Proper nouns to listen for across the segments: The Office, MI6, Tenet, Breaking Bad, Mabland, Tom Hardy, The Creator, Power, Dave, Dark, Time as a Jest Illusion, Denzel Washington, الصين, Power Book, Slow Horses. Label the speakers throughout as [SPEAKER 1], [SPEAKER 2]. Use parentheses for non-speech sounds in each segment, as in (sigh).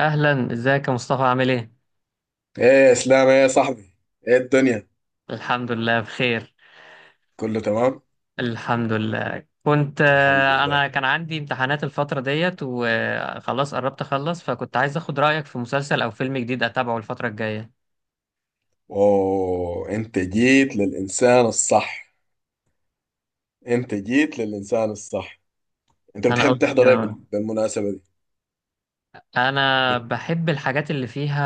[SPEAKER 1] اهلا، ازيك يا مصطفى؟ عامل ايه؟
[SPEAKER 2] ايه يا اسلام، ايه يا صاحبي. ايه الدنيا؟
[SPEAKER 1] الحمد لله بخير.
[SPEAKER 2] كله تمام،
[SPEAKER 1] الحمد لله كنت
[SPEAKER 2] الحمد لله.
[SPEAKER 1] انا كان عندي امتحانات الفتره ديت وخلاص قربت اخلص، فكنت عايز اخد رايك في مسلسل او فيلم جديد اتابعه الفتره الجايه.
[SPEAKER 2] اوه، انت جيت للانسان الصح. انت جيت للانسان الصح. انت
[SPEAKER 1] انا
[SPEAKER 2] بتحب
[SPEAKER 1] قلت
[SPEAKER 2] تحضر ايه
[SPEAKER 1] كده،
[SPEAKER 2] بالمناسبة دي؟
[SPEAKER 1] انا
[SPEAKER 2] بت...
[SPEAKER 1] بحب الحاجات اللي فيها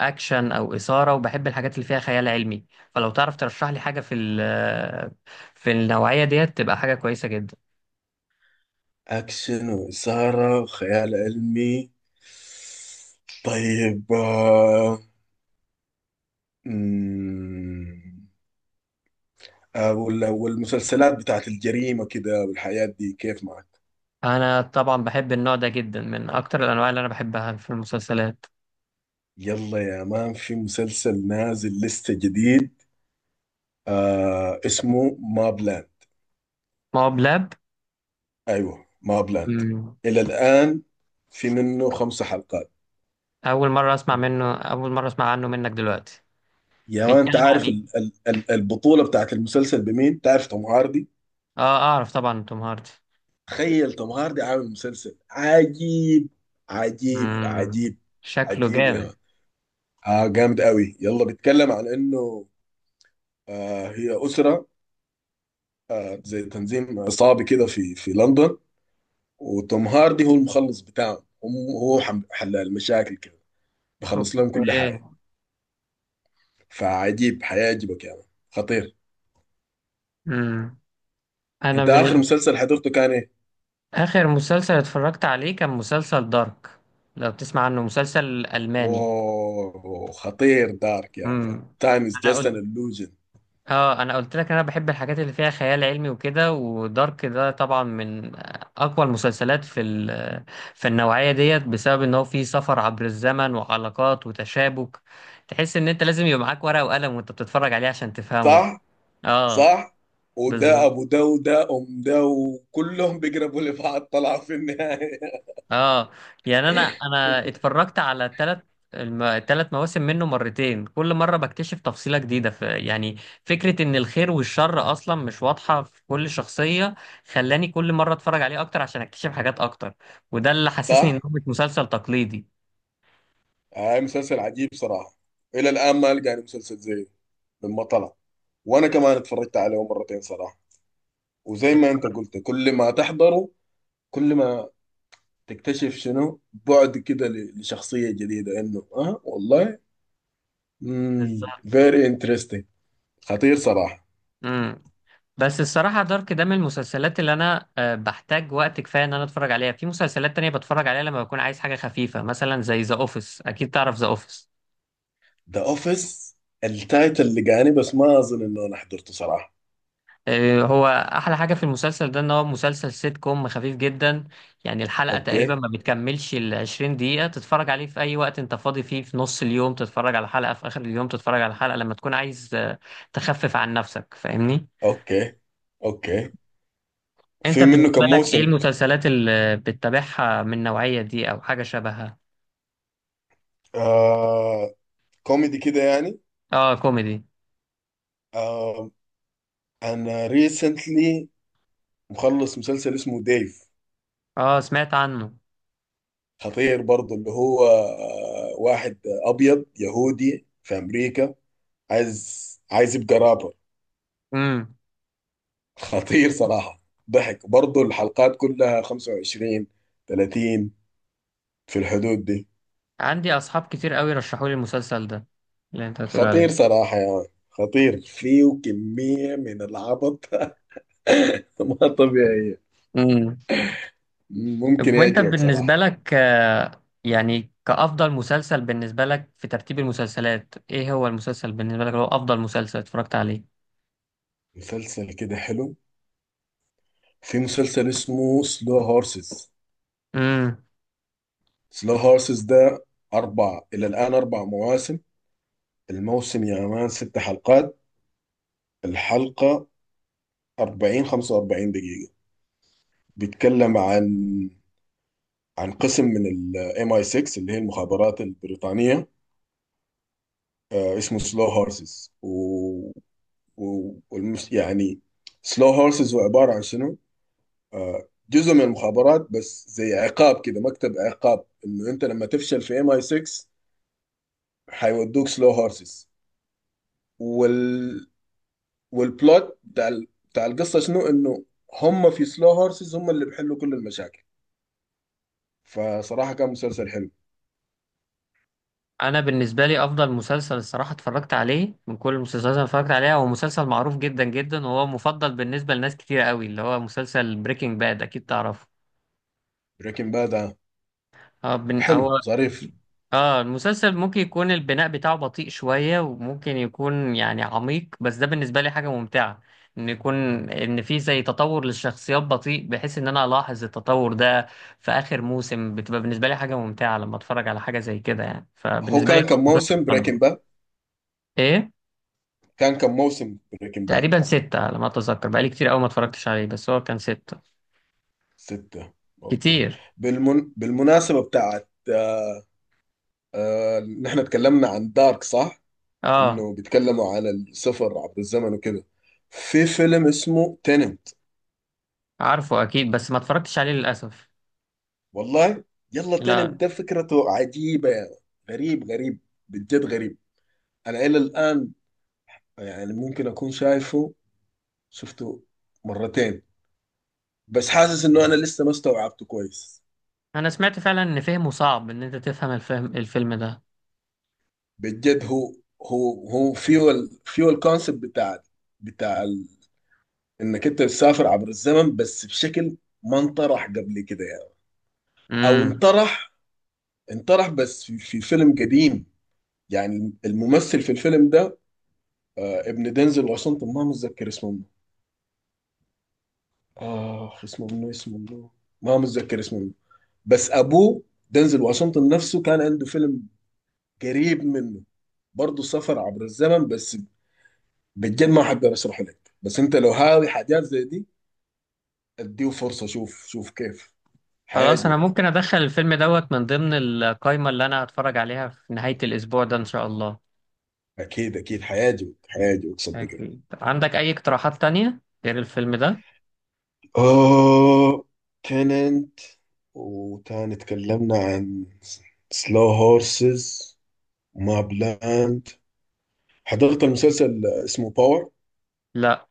[SPEAKER 1] اكشن او اثاره، وبحب الحاجات اللي فيها خيال علمي. فلو تعرف ترشح لي حاجه في النوعيه ديت تبقى حاجه كويسه جدا.
[SPEAKER 2] اكشن واثارة وخيال علمي. طيب، مم، والمسلسلات بتاعت الجريمة كده، والحياة دي كيف معك؟
[SPEAKER 1] انا طبعا بحب النوع ده جدا، من اكتر الانواع اللي انا بحبها في المسلسلات.
[SPEAKER 2] يلا يا مان، في مسلسل نازل لسه جديد. اسمه مابلاند.
[SPEAKER 1] ما هو بلاب.
[SPEAKER 2] ايوه، ما بلاند.
[SPEAKER 1] مم.
[SPEAKER 2] الى الان في منه خمسة حلقات.
[SPEAKER 1] اول مره اسمع منه، اول مره اسمع عنه منك دلوقتي.
[SPEAKER 2] يا ما، انت
[SPEAKER 1] بيتكلم عن
[SPEAKER 2] عارف
[SPEAKER 1] ايه؟
[SPEAKER 2] ال البطولة بتاعت المسلسل بمين؟ تعرف توم هاردي؟
[SPEAKER 1] اه اعرف طبعا توم هاردي.
[SPEAKER 2] تخيل توم هاردي عامل مسلسل عجيب. عجيب
[SPEAKER 1] امم،
[SPEAKER 2] عجيب.
[SPEAKER 1] شكله
[SPEAKER 2] عجيب يا
[SPEAKER 1] جامد.
[SPEAKER 2] مان. جامد قوي. يلا، بيتكلم عن انه هي أسرة، زي تنظيم عصابي كده في لندن. وتوم هاردي هو المخلص بتاعهم هم. هو حل المشاكل كده، بخلص لهم كل
[SPEAKER 1] اوكي.
[SPEAKER 2] حاجة. فعجيب، حيعجبك يا مان. خطير.
[SPEAKER 1] امم، انا
[SPEAKER 2] انت
[SPEAKER 1] من
[SPEAKER 2] اخر
[SPEAKER 1] ال-
[SPEAKER 2] مسلسل حضرته كان ايه؟
[SPEAKER 1] اخر مسلسل اتفرجت عليه كان مسلسل دارك، لو بتسمع عنه، مسلسل الماني.
[SPEAKER 2] واو، خطير دارك يا مان.
[SPEAKER 1] امم.
[SPEAKER 2] تايم از
[SPEAKER 1] انا
[SPEAKER 2] جاست
[SPEAKER 1] قلت،
[SPEAKER 2] ان illusion.
[SPEAKER 1] اه، انا قلت لك، انا بحب الحاجات اللي فيها خيال علمي وكده، ودارك ده طبعا من اقوى المسلسلات في النوعيه ديت، بسبب ان هو فيه سفر عبر الزمن وعلاقات وتشابك. تحس ان انت لازم يبقى معاك ورقه وقلم وانت بتتفرج عليه عشان تفهمه.
[SPEAKER 2] صح؟
[SPEAKER 1] اه.
[SPEAKER 2] صح؟ وده
[SPEAKER 1] بالظبط.
[SPEAKER 2] ابو ده، وده ام ده، وكلهم بيقربوا لبعض طلعوا في النهاية.
[SPEAKER 1] اه، يعني انا
[SPEAKER 2] (laughs)
[SPEAKER 1] اتفرجت على التلات مواسم منه مرتين، كل مرة بكتشف تفصيلة جديدة في، يعني، فكرة ان الخير والشر اصلا مش واضحة في كل شخصية. خلاني كل مرة اتفرج عليه اكتر عشان اكتشف حاجات اكتر، وده اللي حسسني انه
[SPEAKER 2] صح؟
[SPEAKER 1] مش مسلسل تقليدي.
[SPEAKER 2] هاي، مسلسل عجيب صراحة. الى الان ما لقاني مسلسل زيه لما طلع. وانا كمان اتفرجت عليه مرتين صراحة. وزي ما انت
[SPEAKER 1] اتفرجت.
[SPEAKER 2] قلت، كل ما تحضره، كل ما تكتشف شنو بعد كده لشخصية جديدة، انه والله.
[SPEAKER 1] بالظبط.
[SPEAKER 2] فيري انترستنج. خطير صراحه.
[SPEAKER 1] امم. بس الصراحة دارك ده من المسلسلات اللي أنا بحتاج وقت كفاية إن أنا أتفرج عليها. في مسلسلات تانية بتفرج عليها لما بكون عايز حاجة خفيفة، مثلا زي ذا أوفيس، أكيد تعرف ذا أوفيس.
[SPEAKER 2] ذا اوفيس. التايتل اللي جاني بس ما اظن انه انا حضرته صراحه.
[SPEAKER 1] آه، هو احلى حاجه في المسلسل ده ان هو مسلسل سيت كوم خفيف جدا. يعني الحلقه تقريبا
[SPEAKER 2] اوكي.
[SPEAKER 1] ما بتكملش ال 20 دقيقه، تتفرج عليه في اي وقت انت فاضي فيه، في نص اليوم تتفرج على حلقه، في اخر اليوم تتفرج على حلقه لما تكون عايز تخفف عن نفسك، فاهمني؟
[SPEAKER 2] اوكي. اوكي،
[SPEAKER 1] انت
[SPEAKER 2] في منه
[SPEAKER 1] بالنسبه
[SPEAKER 2] كم
[SPEAKER 1] لك ايه
[SPEAKER 2] موسم؟
[SPEAKER 1] المسلسلات اللي بتتابعها من النوعيه دي او حاجه شبهها؟
[SPEAKER 2] آه كوميدي كده يعني.
[SPEAKER 1] اه كوميدي.
[SPEAKER 2] آه انا ريسنتلي مخلص مسلسل اسمه ديف.
[SPEAKER 1] اه سمعت عنه.
[SPEAKER 2] خطير برضه. اللي هو واحد ابيض يهودي في امريكا، عايز يبقى رابر.
[SPEAKER 1] امم،
[SPEAKER 2] خطير صراحة. ضحك برضو. الحلقات كلها 25، 30، في الحدود دي.
[SPEAKER 1] عندي اصحاب كتير قوي رشحوا لي المسلسل ده، اللي انت هتقول
[SPEAKER 2] خطير
[SPEAKER 1] عليه.
[SPEAKER 2] صراحة، يا يعني خطير، فيه كمية من العبط (laughs) ما طبيعية.
[SPEAKER 1] مم.
[SPEAKER 2] ممكن
[SPEAKER 1] طب وانت
[SPEAKER 2] يعجبك
[SPEAKER 1] بالنسبة
[SPEAKER 2] صراحة.
[SPEAKER 1] لك، يعني كأفضل مسلسل بالنسبة لك في ترتيب المسلسلات، ايه هو المسلسل بالنسبة لك اللي هو أفضل مسلسل اتفرجت عليه؟
[SPEAKER 2] مسلسل كده حلو. في مسلسل اسمه سلو هورسز.
[SPEAKER 1] امم،
[SPEAKER 2] سلو هورسز ده إلى الآن أربع مواسم. الموسم يا مان ست حلقات. الحلقة 40، 45 دقيقة. بيتكلم عن قسم من الام اي 6، اللي هي المخابرات البريطانيه. اسمه سلو هورسز. يعني، سلو هورسز هو عباره عن شنو؟ جزء من المخابرات، بس زي عقاب كده، مكتب عقاب، انه انت لما تفشل في ام اي 6 حيودوك سلو هورسز. وال... والبلوت بتاع بتاع القصه شنو؟ انه هم في سلو هورسز هم اللي بيحلوا كل المشاكل. فصراحه كان مسلسل حلو.
[SPEAKER 1] انا بالنسبة لي أفضل مسلسل الصراحة اتفرجت عليه من كل المسلسلات اللي أنا اتفرجت عليها هو مسلسل معروف جدا جدا، وهو مفضل بالنسبة لناس كتير قوي، اللي هو مسلسل بريكنج باد، اكيد تعرفه.
[SPEAKER 2] بريكنج باد،
[SPEAKER 1] اه
[SPEAKER 2] حلو
[SPEAKER 1] هو،
[SPEAKER 2] ظريف.
[SPEAKER 1] اه المسلسل ممكن يكون البناء بتاعه بطيء شوية، وممكن يكون يعني عميق، بس ده بالنسبة لي حاجة ممتعة. ان يكون، ان في زي تطور للشخصيات بطيء، بحيث ان انا الاحظ التطور ده في اخر موسم، بتبقى بالنسبة لي حاجة ممتعة لما اتفرج على حاجة زي كده، يعني
[SPEAKER 2] هو
[SPEAKER 1] فبالنسبة لي
[SPEAKER 2] كان كم
[SPEAKER 1] برضه ده
[SPEAKER 2] موسم
[SPEAKER 1] تقدم.
[SPEAKER 2] بريكنج باد؟
[SPEAKER 1] ايه؟
[SPEAKER 2] كان كم موسم بريكنج باد؟
[SPEAKER 1] تقريبا ستة على ما اتذكر، بقالي كتير قوي ما اتفرجتش عليه، بس هو كان ستة.
[SPEAKER 2] ستة. اوكي.
[SPEAKER 1] كتير.
[SPEAKER 2] بالمناسبة بتاعت، نحن اتكلمنا عن دارك، صح؟
[SPEAKER 1] اه
[SPEAKER 2] انه بيتكلموا عن السفر عبر الزمن وكده. في فيلم اسمه تيننت.
[SPEAKER 1] عارفه اكيد، بس ما اتفرجتش عليه للاسف.
[SPEAKER 2] والله. يلا، تيننت
[SPEAKER 1] لا.
[SPEAKER 2] ده فكرته عجيبة يعني. غريب غريب. بجد غريب. انا الى الان، يعني ممكن اكون شفته مرتين، بس حاسس انه انا لسه ما استوعبته كويس.
[SPEAKER 1] انا سمعت فعلا ان فهمه صعب، ان انت تفهم الفيلم ده.
[SPEAKER 2] بجد، هو فيه الكونسيبت بتاع بتاع ال- انك انت بتسافر عبر الزمن، بس بشكل ما انطرح قبل كده يعني. او
[SPEAKER 1] امم.
[SPEAKER 2] انطرح، بس في فيلم قديم. يعني الممثل في الفيلم ده، ابن دينزل واشنطن، ما متذكر اسمه منه. اه اسمه منه، اسمه منه. ما متذكر اسمه منه. بس ابوه دينزل واشنطن نفسه كان عنده فيلم قريب منه، برضه سفر عبر الزمن، بس بجد ما حقدر اشرح لك. بس انت لو هاوي حاجات زي دي، اديه فرصه، شوف شوف كيف.
[SPEAKER 1] خلاص، انا
[SPEAKER 2] حيعجبك.
[SPEAKER 1] ممكن ادخل الفيلم دوت من ضمن القائمة اللي انا هتفرج عليها في نهاية الاسبوع ده ان شاء الله.
[SPEAKER 2] اكيد اكيد حيعجبك. حيعجبك صدقني.
[SPEAKER 1] اكيد. عندك اي اقتراحات تانية غير الفيلم ده؟
[SPEAKER 2] اوه، تننت. وتاني تكلمنا عن سلو هورسز، ماب لاند. حضرت المسلسل اسمه باور.
[SPEAKER 1] لا،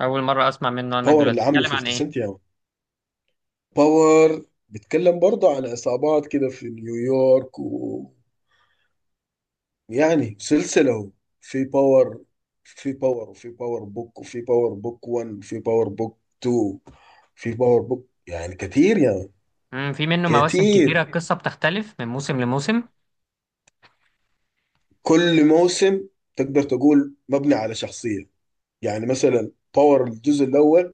[SPEAKER 1] اول مرة اسمع منه انا
[SPEAKER 2] باور
[SPEAKER 1] دلوقتي.
[SPEAKER 2] اللي عامله
[SPEAKER 1] بيتكلم عن
[SPEAKER 2] 50
[SPEAKER 1] ايه؟
[SPEAKER 2] سنت. يا، باور بيتكلم برضه عن عصابات كده في نيويورك، و، يعني سلسلة. في باور، وفي باور بوك، وفي باور بوك 1، في باور بوك 2. في باور بوك، يعني كتير يعني.
[SPEAKER 1] امم، في منه مواسم
[SPEAKER 2] كتير.
[SPEAKER 1] كتيرة؟ القصة بتختلف من موسم لموسم؟
[SPEAKER 2] كل موسم تقدر تقول مبني على شخصية. يعني مثلا باور الجزء الأول،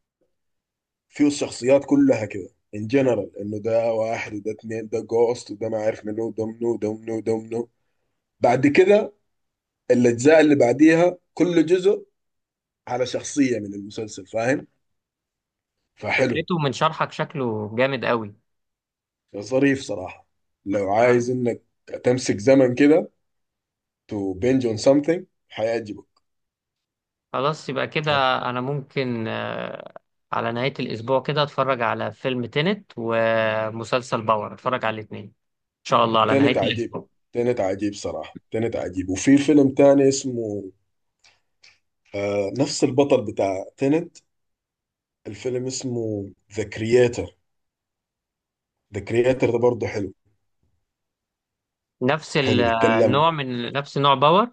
[SPEAKER 2] فيه الشخصيات كلها كده، ان جنرال، انه ده واحد وده اتنين، ده جوست، وده ما عارف منو، ده منو، ده منو، ده منو. بعد كده الأجزاء اللي بعديها كل جزء على شخصية من المسلسل، فاهم؟ فحلو،
[SPEAKER 1] فكرته من شرحك شكله جامد قوي.
[SPEAKER 2] ظريف صراحة. لو عايز انك تمسك زمن كده to binge on something، هيعجبك.
[SPEAKER 1] خلاص، يبقى كده
[SPEAKER 2] هت-
[SPEAKER 1] انا ممكن على نهاية الاسبوع كده اتفرج على فيلم تينت ومسلسل باور، اتفرج على الاتنين ان شاء الله على
[SPEAKER 2] تاني
[SPEAKER 1] نهاية
[SPEAKER 2] عجيب.
[SPEAKER 1] الاسبوع.
[SPEAKER 2] تاني عجيب صراحة. تاني عجيب. وفي فيلم تاني اسمه، نفس البطل بتاع تنت. الفيلم اسمه The Creator. The Creator ده برضه حلو. حلو، بيتكلم،
[SPEAKER 1] النوع، من نفس نوع باور؟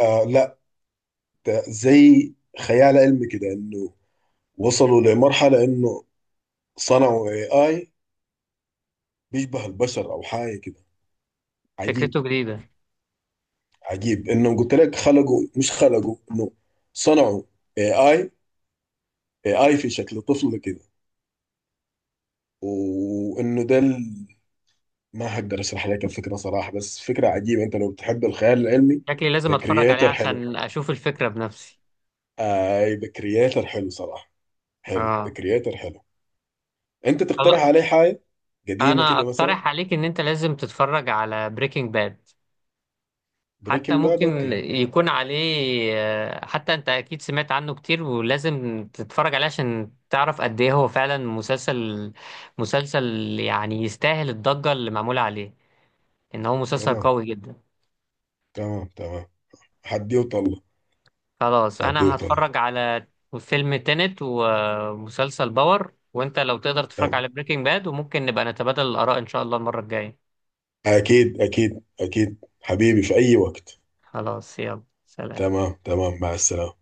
[SPEAKER 2] لا، ده زي خيال علمي كده، انه وصلوا لمرحلة انه صنعوا AI بيشبه البشر او حاجة كده. عجيب.
[SPEAKER 1] فكرته جديدة.
[SPEAKER 2] عجيب انهم، قلت لك خلقوا، مش خلقوا، انه صنعوا اي اي. في شكل طفل كده. وانه ده ما هقدر اشرح لك الفكره صراحه، بس فكره عجيبه. انت لو بتحب الخيال العلمي،
[SPEAKER 1] شكلي لازم
[SPEAKER 2] ذا
[SPEAKER 1] اتفرج عليه
[SPEAKER 2] كرييتر حلو.
[SPEAKER 1] عشان اشوف الفكرة بنفسي.
[SPEAKER 2] اي، ذا كرييتر حلو صراحه. حلو. ذا
[SPEAKER 1] اه.
[SPEAKER 2] كرييتر حلو. انت
[SPEAKER 1] خلاص،
[SPEAKER 2] تقترح عليه حاجه قديمه
[SPEAKER 1] انا
[SPEAKER 2] كده مثلا؟
[SPEAKER 1] اقترح عليك ان انت لازم تتفرج على بريكنج باد. حتى
[SPEAKER 2] بريكنج باد،
[SPEAKER 1] ممكن
[SPEAKER 2] اوكي.
[SPEAKER 1] يكون عليه، حتى انت اكيد سمعت عنه كتير، ولازم تتفرج عليه عشان تعرف قد ايه هو فعلا مسلسل، يعني يستاهل الضجة اللي معمولة عليه، ان هو مسلسل
[SPEAKER 2] تمام.
[SPEAKER 1] قوي جدا.
[SPEAKER 2] تمام تمام. حدي وطلع.
[SPEAKER 1] خلاص،
[SPEAKER 2] حدي
[SPEAKER 1] انا
[SPEAKER 2] وطلع.
[SPEAKER 1] هتفرج على فيلم تينت ومسلسل باور، وانت لو تقدر تتفرج
[SPEAKER 2] تمام.
[SPEAKER 1] على بريكنج باد، وممكن نبقى نتبادل الاراء ان شاء الله المرة الجاية.
[SPEAKER 2] اكيد اكيد اكيد حبيبي، في اي وقت.
[SPEAKER 1] خلاص، يلا سلام.
[SPEAKER 2] تمام تمام، مع السلامة.